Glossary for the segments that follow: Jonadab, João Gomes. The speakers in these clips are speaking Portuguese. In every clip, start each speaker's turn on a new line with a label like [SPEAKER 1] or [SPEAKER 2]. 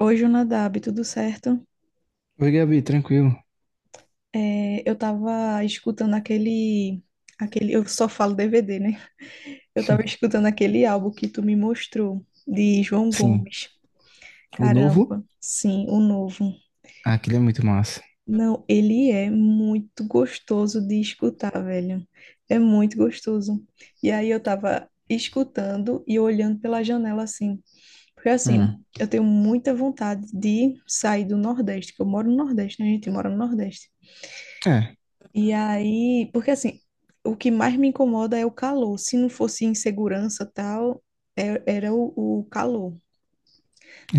[SPEAKER 1] Oi, Jonadab, tudo certo?
[SPEAKER 2] Oi, Gabi, tranquilo.
[SPEAKER 1] É, eu tava escutando aquele. Eu só falo DVD, né? Eu tava escutando aquele álbum que tu me mostrou, de João
[SPEAKER 2] Sim,
[SPEAKER 1] Gomes.
[SPEAKER 2] o novo?
[SPEAKER 1] Caramba, sim, o novo.
[SPEAKER 2] Ah, aquele é muito massa.
[SPEAKER 1] Não, ele é muito gostoso de escutar, velho. É muito gostoso. E aí eu tava escutando e olhando pela janela assim. Porque assim,
[SPEAKER 2] Hum.
[SPEAKER 1] eu tenho muita vontade de sair do Nordeste, que eu moro no Nordeste, né? A gente mora no Nordeste.
[SPEAKER 2] É,
[SPEAKER 1] E aí, porque assim, o que mais me incomoda é o calor. Se não fosse insegurança tal, era o calor.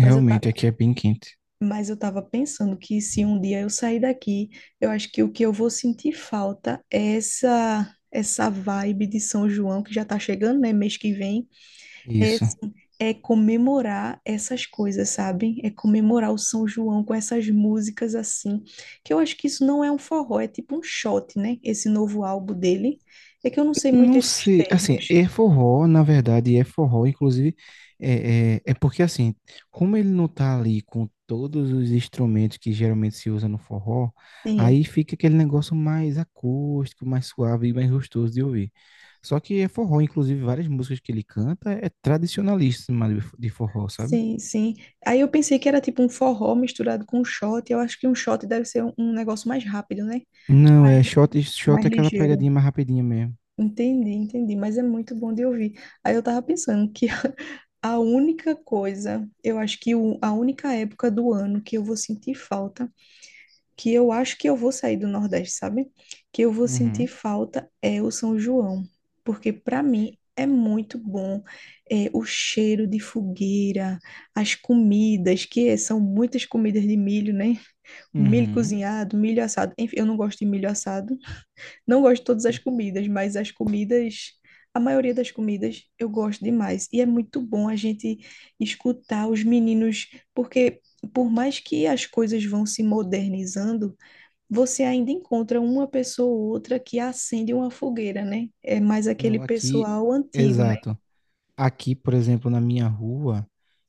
[SPEAKER 1] Mas eu, ta,
[SPEAKER 2] aqui é bem quente.
[SPEAKER 1] mas eu tava pensando que se um dia eu sair daqui, eu acho que o que eu vou sentir falta é essa vibe de São João que já tá chegando, né? Mês que vem. É,
[SPEAKER 2] Isso.
[SPEAKER 1] assim, é comemorar essas coisas, sabe? É comemorar o São João com essas músicas assim, que eu acho que isso não é um forró, é tipo um shot, né? Esse novo álbum dele. É que eu não sei muito
[SPEAKER 2] Não
[SPEAKER 1] esses
[SPEAKER 2] sei, assim,
[SPEAKER 1] termos.
[SPEAKER 2] é forró, na verdade, é forró, inclusive, é porque, assim, como ele não tá ali com todos os instrumentos que geralmente se usa no forró,
[SPEAKER 1] Sim,
[SPEAKER 2] aí fica aquele negócio mais acústico, mais suave e mais gostoso de ouvir. Só que é forró, inclusive, várias músicas que ele canta é tradicionalíssima de forró, sabe?
[SPEAKER 1] sim, sim. Aí eu pensei que era tipo um forró misturado com um shot. Eu acho que um shot deve ser um negócio mais rápido, né?
[SPEAKER 2] Não,
[SPEAKER 1] Mais,
[SPEAKER 2] é shot. Shot
[SPEAKER 1] mais
[SPEAKER 2] é aquela pegadinha
[SPEAKER 1] ligeiro.
[SPEAKER 2] mais rapidinha mesmo.
[SPEAKER 1] Entendi, entendi, mas é muito bom de ouvir. Aí eu tava pensando que a única coisa, eu acho que a única época do ano que eu vou sentir falta, que eu acho que eu vou sair do Nordeste, sabe? Que eu vou sentir
[SPEAKER 2] Uhum.
[SPEAKER 1] falta é o São João, porque para mim é muito bom é, o cheiro de fogueira, as comidas, que é, são muitas comidas de milho, né? Milho
[SPEAKER 2] Uhum.
[SPEAKER 1] cozinhado, milho assado. Enfim, eu não gosto de milho assado, não gosto de todas as comidas, mas as comidas, a maioria das comidas eu gosto demais. E é muito bom a gente escutar os meninos, porque por mais que as coisas vão se modernizando, você ainda encontra uma pessoa ou outra que acende uma fogueira, né? É mais aquele
[SPEAKER 2] Não, aqui,
[SPEAKER 1] pessoal antigo, né?
[SPEAKER 2] exato. Aqui, por exemplo, na minha rua,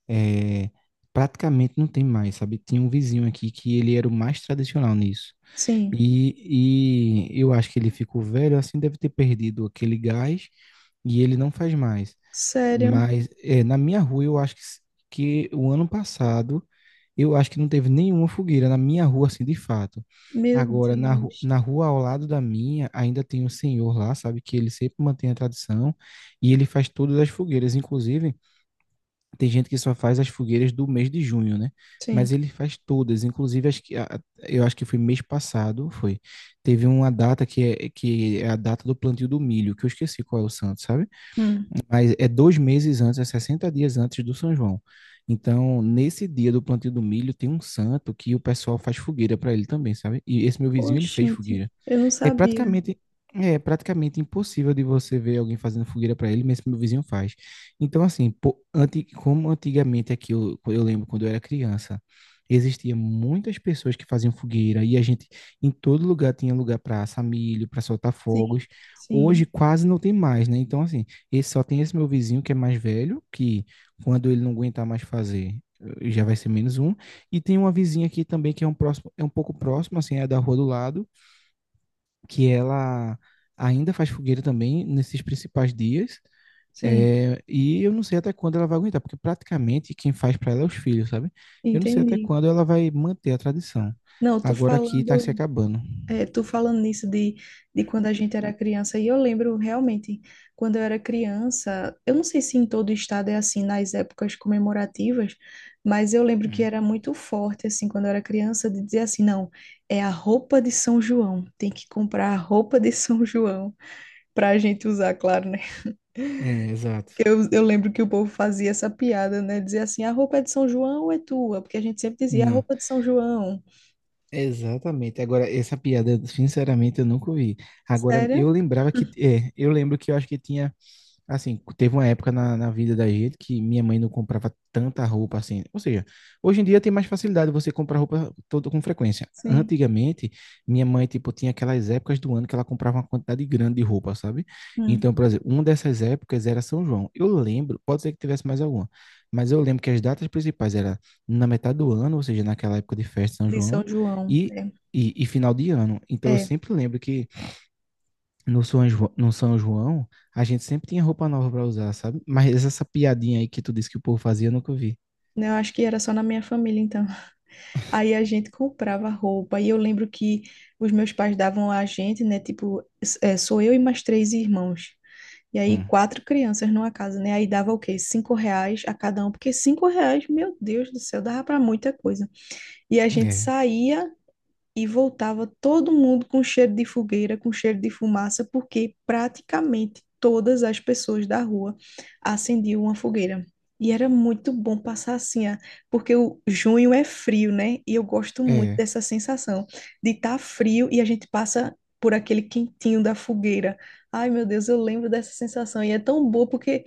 [SPEAKER 2] é, praticamente não tem mais, sabe? Tinha um vizinho aqui que ele era o mais tradicional nisso.
[SPEAKER 1] Sim.
[SPEAKER 2] E eu acho que ele ficou velho, assim, deve ter perdido aquele gás e ele não faz mais.
[SPEAKER 1] Sério?
[SPEAKER 2] Mas na minha rua eu acho que o ano passado eu acho que não teve nenhuma fogueira na minha rua, assim, de fato.
[SPEAKER 1] Meu
[SPEAKER 2] Agora,
[SPEAKER 1] Deus.
[SPEAKER 2] na rua ao lado da minha, ainda tem um senhor lá, sabe, que ele sempre mantém a tradição e ele faz todas as fogueiras. Inclusive, tem gente que só faz as fogueiras do mês de junho, né? Mas
[SPEAKER 1] Sim.
[SPEAKER 2] ele faz todas, inclusive as eu acho que foi mês passado, foi. Teve uma data que é a data do plantio do milho, que eu esqueci qual é o santo, sabe?
[SPEAKER 1] Hum.
[SPEAKER 2] Mas é 2 meses antes, é 60 dias antes do São João. Então, nesse dia do plantio do milho, tem um santo que o pessoal faz fogueira para ele também, sabe? E esse meu vizinho, ele fez
[SPEAKER 1] Oxente,
[SPEAKER 2] fogueira.
[SPEAKER 1] eu não
[SPEAKER 2] É
[SPEAKER 1] sabia.
[SPEAKER 2] praticamente, é praticamente impossível de você ver alguém fazendo fogueira para ele, mesmo que meu vizinho faz. Então, assim, como antigamente aqui, eu lembro quando eu era criança, existia muitas pessoas que faziam fogueira e a gente, em todo lugar, tinha lugar para assar milho, para soltar
[SPEAKER 1] Sim,
[SPEAKER 2] fogos. Hoje
[SPEAKER 1] sim,
[SPEAKER 2] quase não tem mais, né? Então, assim, só tem esse meu vizinho que é mais velho, que quando ele não aguentar mais fazer, já vai ser menos um. E tem uma vizinha aqui também que é um próximo, é um pouco próximo, assim, é da rua do lado que ela ainda faz fogueira também nesses principais dias.
[SPEAKER 1] sim.
[SPEAKER 2] É, e eu não sei até quando ela vai aguentar, porque praticamente quem faz para ela é os filhos, sabe? Eu não sei até
[SPEAKER 1] Entendi.
[SPEAKER 2] quando ela vai manter a tradição.
[SPEAKER 1] Não, tô
[SPEAKER 2] Agora aqui tá se
[SPEAKER 1] falando.
[SPEAKER 2] acabando.
[SPEAKER 1] É, tu falando nisso de quando a gente era criança, e eu lembro realmente, quando eu era criança, eu não sei se em todo estado é assim nas épocas comemorativas, mas eu lembro que
[SPEAKER 2] Hum.
[SPEAKER 1] era muito forte, assim, quando eu era criança, de dizer assim, não, é a roupa de São João, tem que comprar a roupa de São João pra gente usar, claro, né?
[SPEAKER 2] É, exato.
[SPEAKER 1] Que eu lembro que o povo fazia essa piada, né? Dizia assim, a roupa é de São João ou é tua? Porque a gente sempre dizia, a
[SPEAKER 2] Não,
[SPEAKER 1] roupa de São João.
[SPEAKER 2] exatamente. Agora, essa piada, sinceramente, eu nunca ouvi. Agora, eu
[SPEAKER 1] Sério?
[SPEAKER 2] lembrava que. É, eu lembro que eu acho que tinha. Assim, teve uma época na vida da gente que minha mãe não comprava tanta roupa assim. Ou seja, hoje em dia tem mais facilidade você comprar roupa toda com frequência.
[SPEAKER 1] Sim.
[SPEAKER 2] Antigamente, minha mãe, tipo, tinha aquelas épocas do ano que ela comprava uma quantidade grande de roupa, sabe?
[SPEAKER 1] Hum,
[SPEAKER 2] Então, por exemplo, uma dessas épocas era São João. Eu lembro, pode ser que tivesse mais alguma, mas eu lembro que as datas principais era na metade do ano, ou seja, naquela época de festa de São
[SPEAKER 1] de
[SPEAKER 2] João,
[SPEAKER 1] São João,
[SPEAKER 2] e,
[SPEAKER 1] é.
[SPEAKER 2] e final de ano. Então, eu
[SPEAKER 1] É.
[SPEAKER 2] sempre lembro que no São João, a gente sempre tinha roupa nova pra usar, sabe? Mas essa piadinha aí que tu disse que o povo fazia, eu nunca vi.
[SPEAKER 1] Né, eu acho que era só na minha família, então. Aí a gente comprava roupa. E eu lembro que os meus pais davam a gente, né? Tipo, sou eu e mais três irmãos. E aí,
[SPEAKER 2] Hum.
[SPEAKER 1] quatro crianças numa casa, né? Aí dava o quê? 5 reais a cada um. Porque 5 reais, meu Deus do céu, dava para muita coisa. E a gente
[SPEAKER 2] É,
[SPEAKER 1] saía e voltava todo mundo com cheiro de fogueira, com cheiro de fumaça, porque praticamente todas as pessoas da rua acendiam uma fogueira. E era muito bom passar assim, ah, porque o junho é frio, né? E eu gosto muito
[SPEAKER 2] é,
[SPEAKER 1] dessa sensação de estar frio e a gente passa por aquele quentinho da fogueira. Ai, meu Deus, eu lembro dessa sensação. E é tão boa porque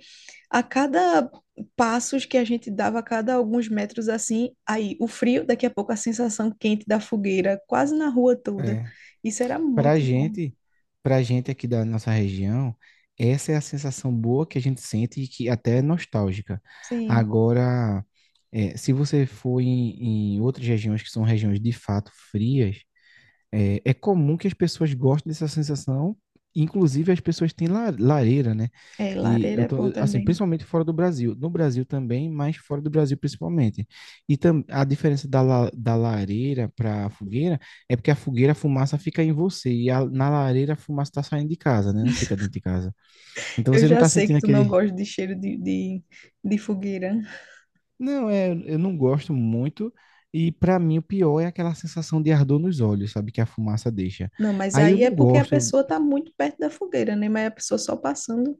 [SPEAKER 1] a cada passos que a gente dava a cada alguns metros assim, aí o frio, daqui a pouco a sensação quente da fogueira, quase na rua toda.
[SPEAKER 2] é.
[SPEAKER 1] Isso era
[SPEAKER 2] Pra
[SPEAKER 1] muito bom.
[SPEAKER 2] gente, pra gente aqui da nossa região, essa é a sensação boa que a gente sente e que até é nostálgica.
[SPEAKER 1] Sim,
[SPEAKER 2] Agora, se você for em, outras regiões que são regiões de fato frias, é, é comum que as pessoas gostem dessa sensação, inclusive as pessoas têm lareira, né?
[SPEAKER 1] é,
[SPEAKER 2] E
[SPEAKER 1] lareira
[SPEAKER 2] eu
[SPEAKER 1] é
[SPEAKER 2] tô,
[SPEAKER 1] bom
[SPEAKER 2] assim,
[SPEAKER 1] também.
[SPEAKER 2] principalmente fora do Brasil. No Brasil também, mas fora do Brasil principalmente. A diferença da lareira para a fogueira é porque a fogueira, a fumaça fica em você, e na lareira a fumaça está saindo de casa, né? Não fica dentro de casa. Então
[SPEAKER 1] Eu
[SPEAKER 2] você não
[SPEAKER 1] já
[SPEAKER 2] está
[SPEAKER 1] sei que
[SPEAKER 2] sentindo
[SPEAKER 1] tu não
[SPEAKER 2] aquele.
[SPEAKER 1] gosta de cheiro de fogueira.
[SPEAKER 2] Não, é, eu não gosto muito. E para mim o pior é aquela sensação de ardor nos olhos, sabe? Que a fumaça deixa.
[SPEAKER 1] Não, mas
[SPEAKER 2] Aí eu
[SPEAKER 1] aí é
[SPEAKER 2] não
[SPEAKER 1] porque a
[SPEAKER 2] gosto.
[SPEAKER 1] pessoa tá muito perto da fogueira, né? Mas a pessoa só passando.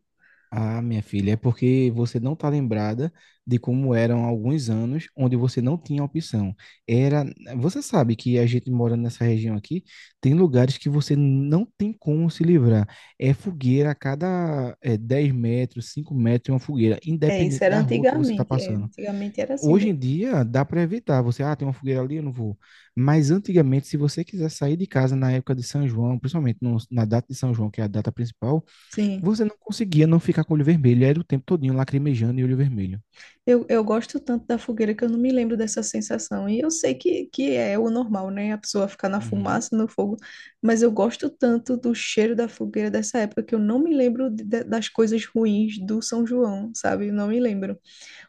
[SPEAKER 2] Ah, minha filha, é porque você não está lembrada de como eram alguns anos onde você não tinha opção. Era, você sabe que a gente morando nessa região aqui, tem lugares que você não tem como se livrar. É fogueira a cada 10 metros, 5 metros, é uma fogueira,
[SPEAKER 1] É, isso
[SPEAKER 2] independente
[SPEAKER 1] era
[SPEAKER 2] da rua que você está
[SPEAKER 1] antigamente. É,
[SPEAKER 2] passando.
[SPEAKER 1] antigamente era assim
[SPEAKER 2] Hoje em
[SPEAKER 1] mesmo.
[SPEAKER 2] dia, dá para evitar. Você, tem uma fogueira ali, eu não vou. Mas antigamente, se você quiser sair de casa na época de São João, principalmente na data de São João, que é a data principal,
[SPEAKER 1] Sim.
[SPEAKER 2] você não conseguia não ficar com o olho vermelho. Era o tempo todinho lacrimejando e olho vermelho.
[SPEAKER 1] Eu gosto tanto da fogueira que eu não me lembro dessa sensação. E eu sei que é o normal, né? A pessoa ficar na
[SPEAKER 2] Uhum.
[SPEAKER 1] fumaça, no fogo. Mas eu gosto tanto do cheiro da fogueira dessa época que eu não me lembro das coisas ruins do São João, sabe? Eu não me lembro.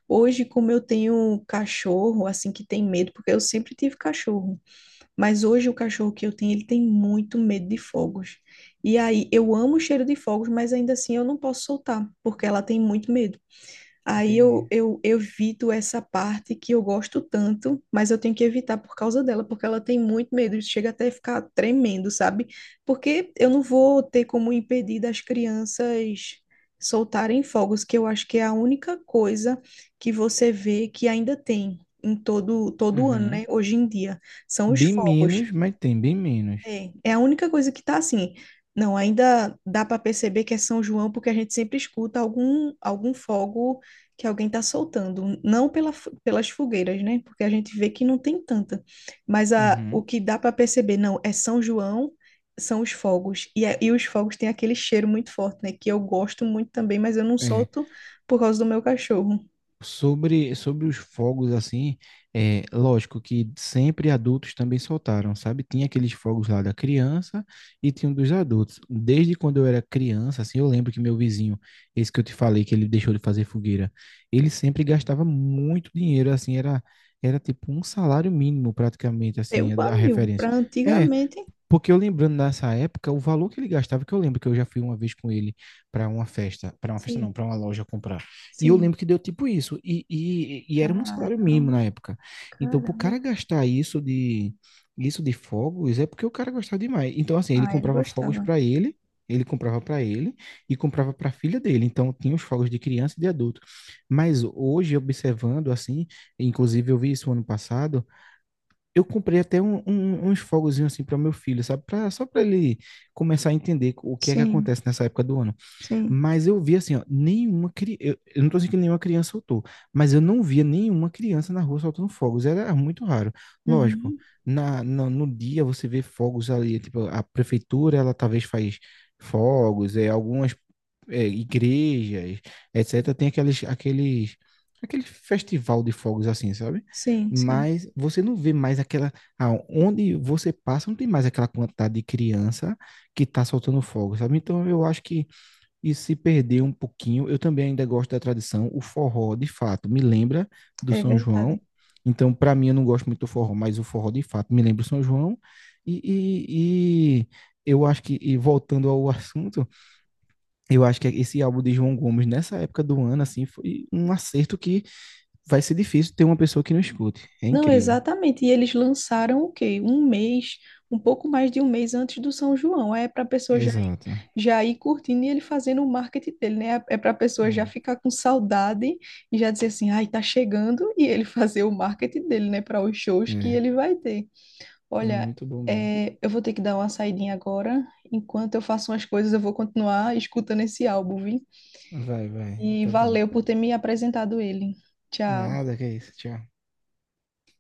[SPEAKER 1] Hoje, como eu tenho cachorro, assim, que tem medo, porque eu sempre tive cachorro. Mas hoje o cachorro que eu tenho, ele tem muito medo de fogos. E aí, eu amo o cheiro de fogos, mas ainda assim eu não posso soltar, porque ela tem muito medo. Aí
[SPEAKER 2] Entendi.
[SPEAKER 1] eu evito essa parte que eu gosto tanto, mas eu tenho que evitar por causa dela, porque ela tem muito medo, chega até a ficar tremendo, sabe? Porque eu não vou ter como impedir das crianças soltarem fogos, que eu acho que é a única coisa que você vê que ainda tem em todo ano,
[SPEAKER 2] Uhum.
[SPEAKER 1] né? Hoje em dia, são os
[SPEAKER 2] Bem
[SPEAKER 1] fogos.
[SPEAKER 2] menos, mas tem bem menos.
[SPEAKER 1] É a única coisa que tá assim. Não, ainda dá para perceber que é São João porque a gente sempre escuta algum fogo que alguém tá soltando, não pelas fogueiras, né? Porque a gente vê que não tem tanta. Mas o
[SPEAKER 2] Uhum.
[SPEAKER 1] que dá para perceber, não, é São João, são os fogos. E os fogos têm aquele cheiro muito forte, né? Que eu gosto muito também, mas eu não
[SPEAKER 2] É.
[SPEAKER 1] solto por causa do meu cachorro.
[SPEAKER 2] Sobre os fogos, assim, é lógico que sempre adultos também soltaram, sabe? Tinha aqueles fogos lá da criança e tinha um dos adultos. Desde quando eu era criança, assim, eu lembro que meu vizinho, esse que eu te falei, que ele deixou de fazer fogueira, ele sempre gastava muito dinheiro, assim, era tipo um salário mínimo praticamente,
[SPEAKER 1] Eu,
[SPEAKER 2] assim, a
[SPEAKER 1] amigo,
[SPEAKER 2] referência.
[SPEAKER 1] pra
[SPEAKER 2] É,
[SPEAKER 1] antigamente,
[SPEAKER 2] porque eu lembrando nessa época, o valor que ele gastava, que eu lembro que eu já fui uma vez com ele para uma festa não,
[SPEAKER 1] sim,
[SPEAKER 2] para uma loja comprar. E eu
[SPEAKER 1] sim.
[SPEAKER 2] lembro que deu tipo isso. E era um salário mínimo
[SPEAKER 1] Caramba,
[SPEAKER 2] na época. Então, pro
[SPEAKER 1] caramba.
[SPEAKER 2] cara gastar isso de fogos, é porque o cara gostava demais. Então, assim, ele
[SPEAKER 1] Ah, ele
[SPEAKER 2] comprava fogos
[SPEAKER 1] gostava.
[SPEAKER 2] para ele, ele comprava para ele e comprava para a filha dele. Então, tinha os fogos de criança e de adulto. Mas hoje, observando assim, inclusive eu vi isso ano passado, eu comprei até uns fogozinhos assim para meu filho, sabe? Só para ele começar a entender o que é que
[SPEAKER 1] Sim,
[SPEAKER 2] acontece nessa época do ano.
[SPEAKER 1] sim.
[SPEAKER 2] Mas eu vi assim, ó, nenhuma criança. Eu não tô dizendo que nenhuma criança soltou, mas eu não via nenhuma criança na rua soltando fogos. Era muito raro. Lógico,
[SPEAKER 1] Uhum.
[SPEAKER 2] no dia você vê fogos ali, tipo, a prefeitura, ela talvez faz fogos, algumas igrejas, etc., tem aquele festival de fogos assim, sabe?
[SPEAKER 1] Sim, sim.
[SPEAKER 2] Mas você não vê mais aquela. Ah, onde você passa, não tem mais aquela quantidade de criança que está soltando fogo, sabe? Então eu acho que isso se perdeu um pouquinho. Eu também ainda gosto da tradição. O forró, de fato, me lembra do
[SPEAKER 1] É
[SPEAKER 2] São João.
[SPEAKER 1] verdade.
[SPEAKER 2] Então, para mim, eu não gosto muito do forró, mas o forró, de fato, me lembra o São João. E, e eu acho que, e voltando ao assunto, eu acho que esse álbum de João Gomes, nessa época do ano, assim, foi um acerto que vai ser difícil ter uma pessoa que não escute. É
[SPEAKER 1] Não,
[SPEAKER 2] incrível.
[SPEAKER 1] exatamente. E eles lançaram o quê? Um mês, um pouco mais de um mês antes do São João. Aí, é para a pessoa já, ir-
[SPEAKER 2] Exato.
[SPEAKER 1] já ir curtindo e ele fazendo o marketing dele, né? É para a pessoa já
[SPEAKER 2] É,
[SPEAKER 1] ficar com saudade e já dizer assim, ai, tá chegando, e ele fazer o marketing dele, né? Para os shows que
[SPEAKER 2] é.
[SPEAKER 1] ele vai ter.
[SPEAKER 2] Não,
[SPEAKER 1] Olha,
[SPEAKER 2] muito bom mesmo.
[SPEAKER 1] é, eu vou ter que dar uma saidinha agora. Enquanto eu faço umas coisas, eu vou continuar escutando esse álbum, viu?
[SPEAKER 2] Vai, vai.
[SPEAKER 1] E
[SPEAKER 2] Tá bom.
[SPEAKER 1] valeu por ter me apresentado ele. Tchau.
[SPEAKER 2] Nada, que é isso. Tchau.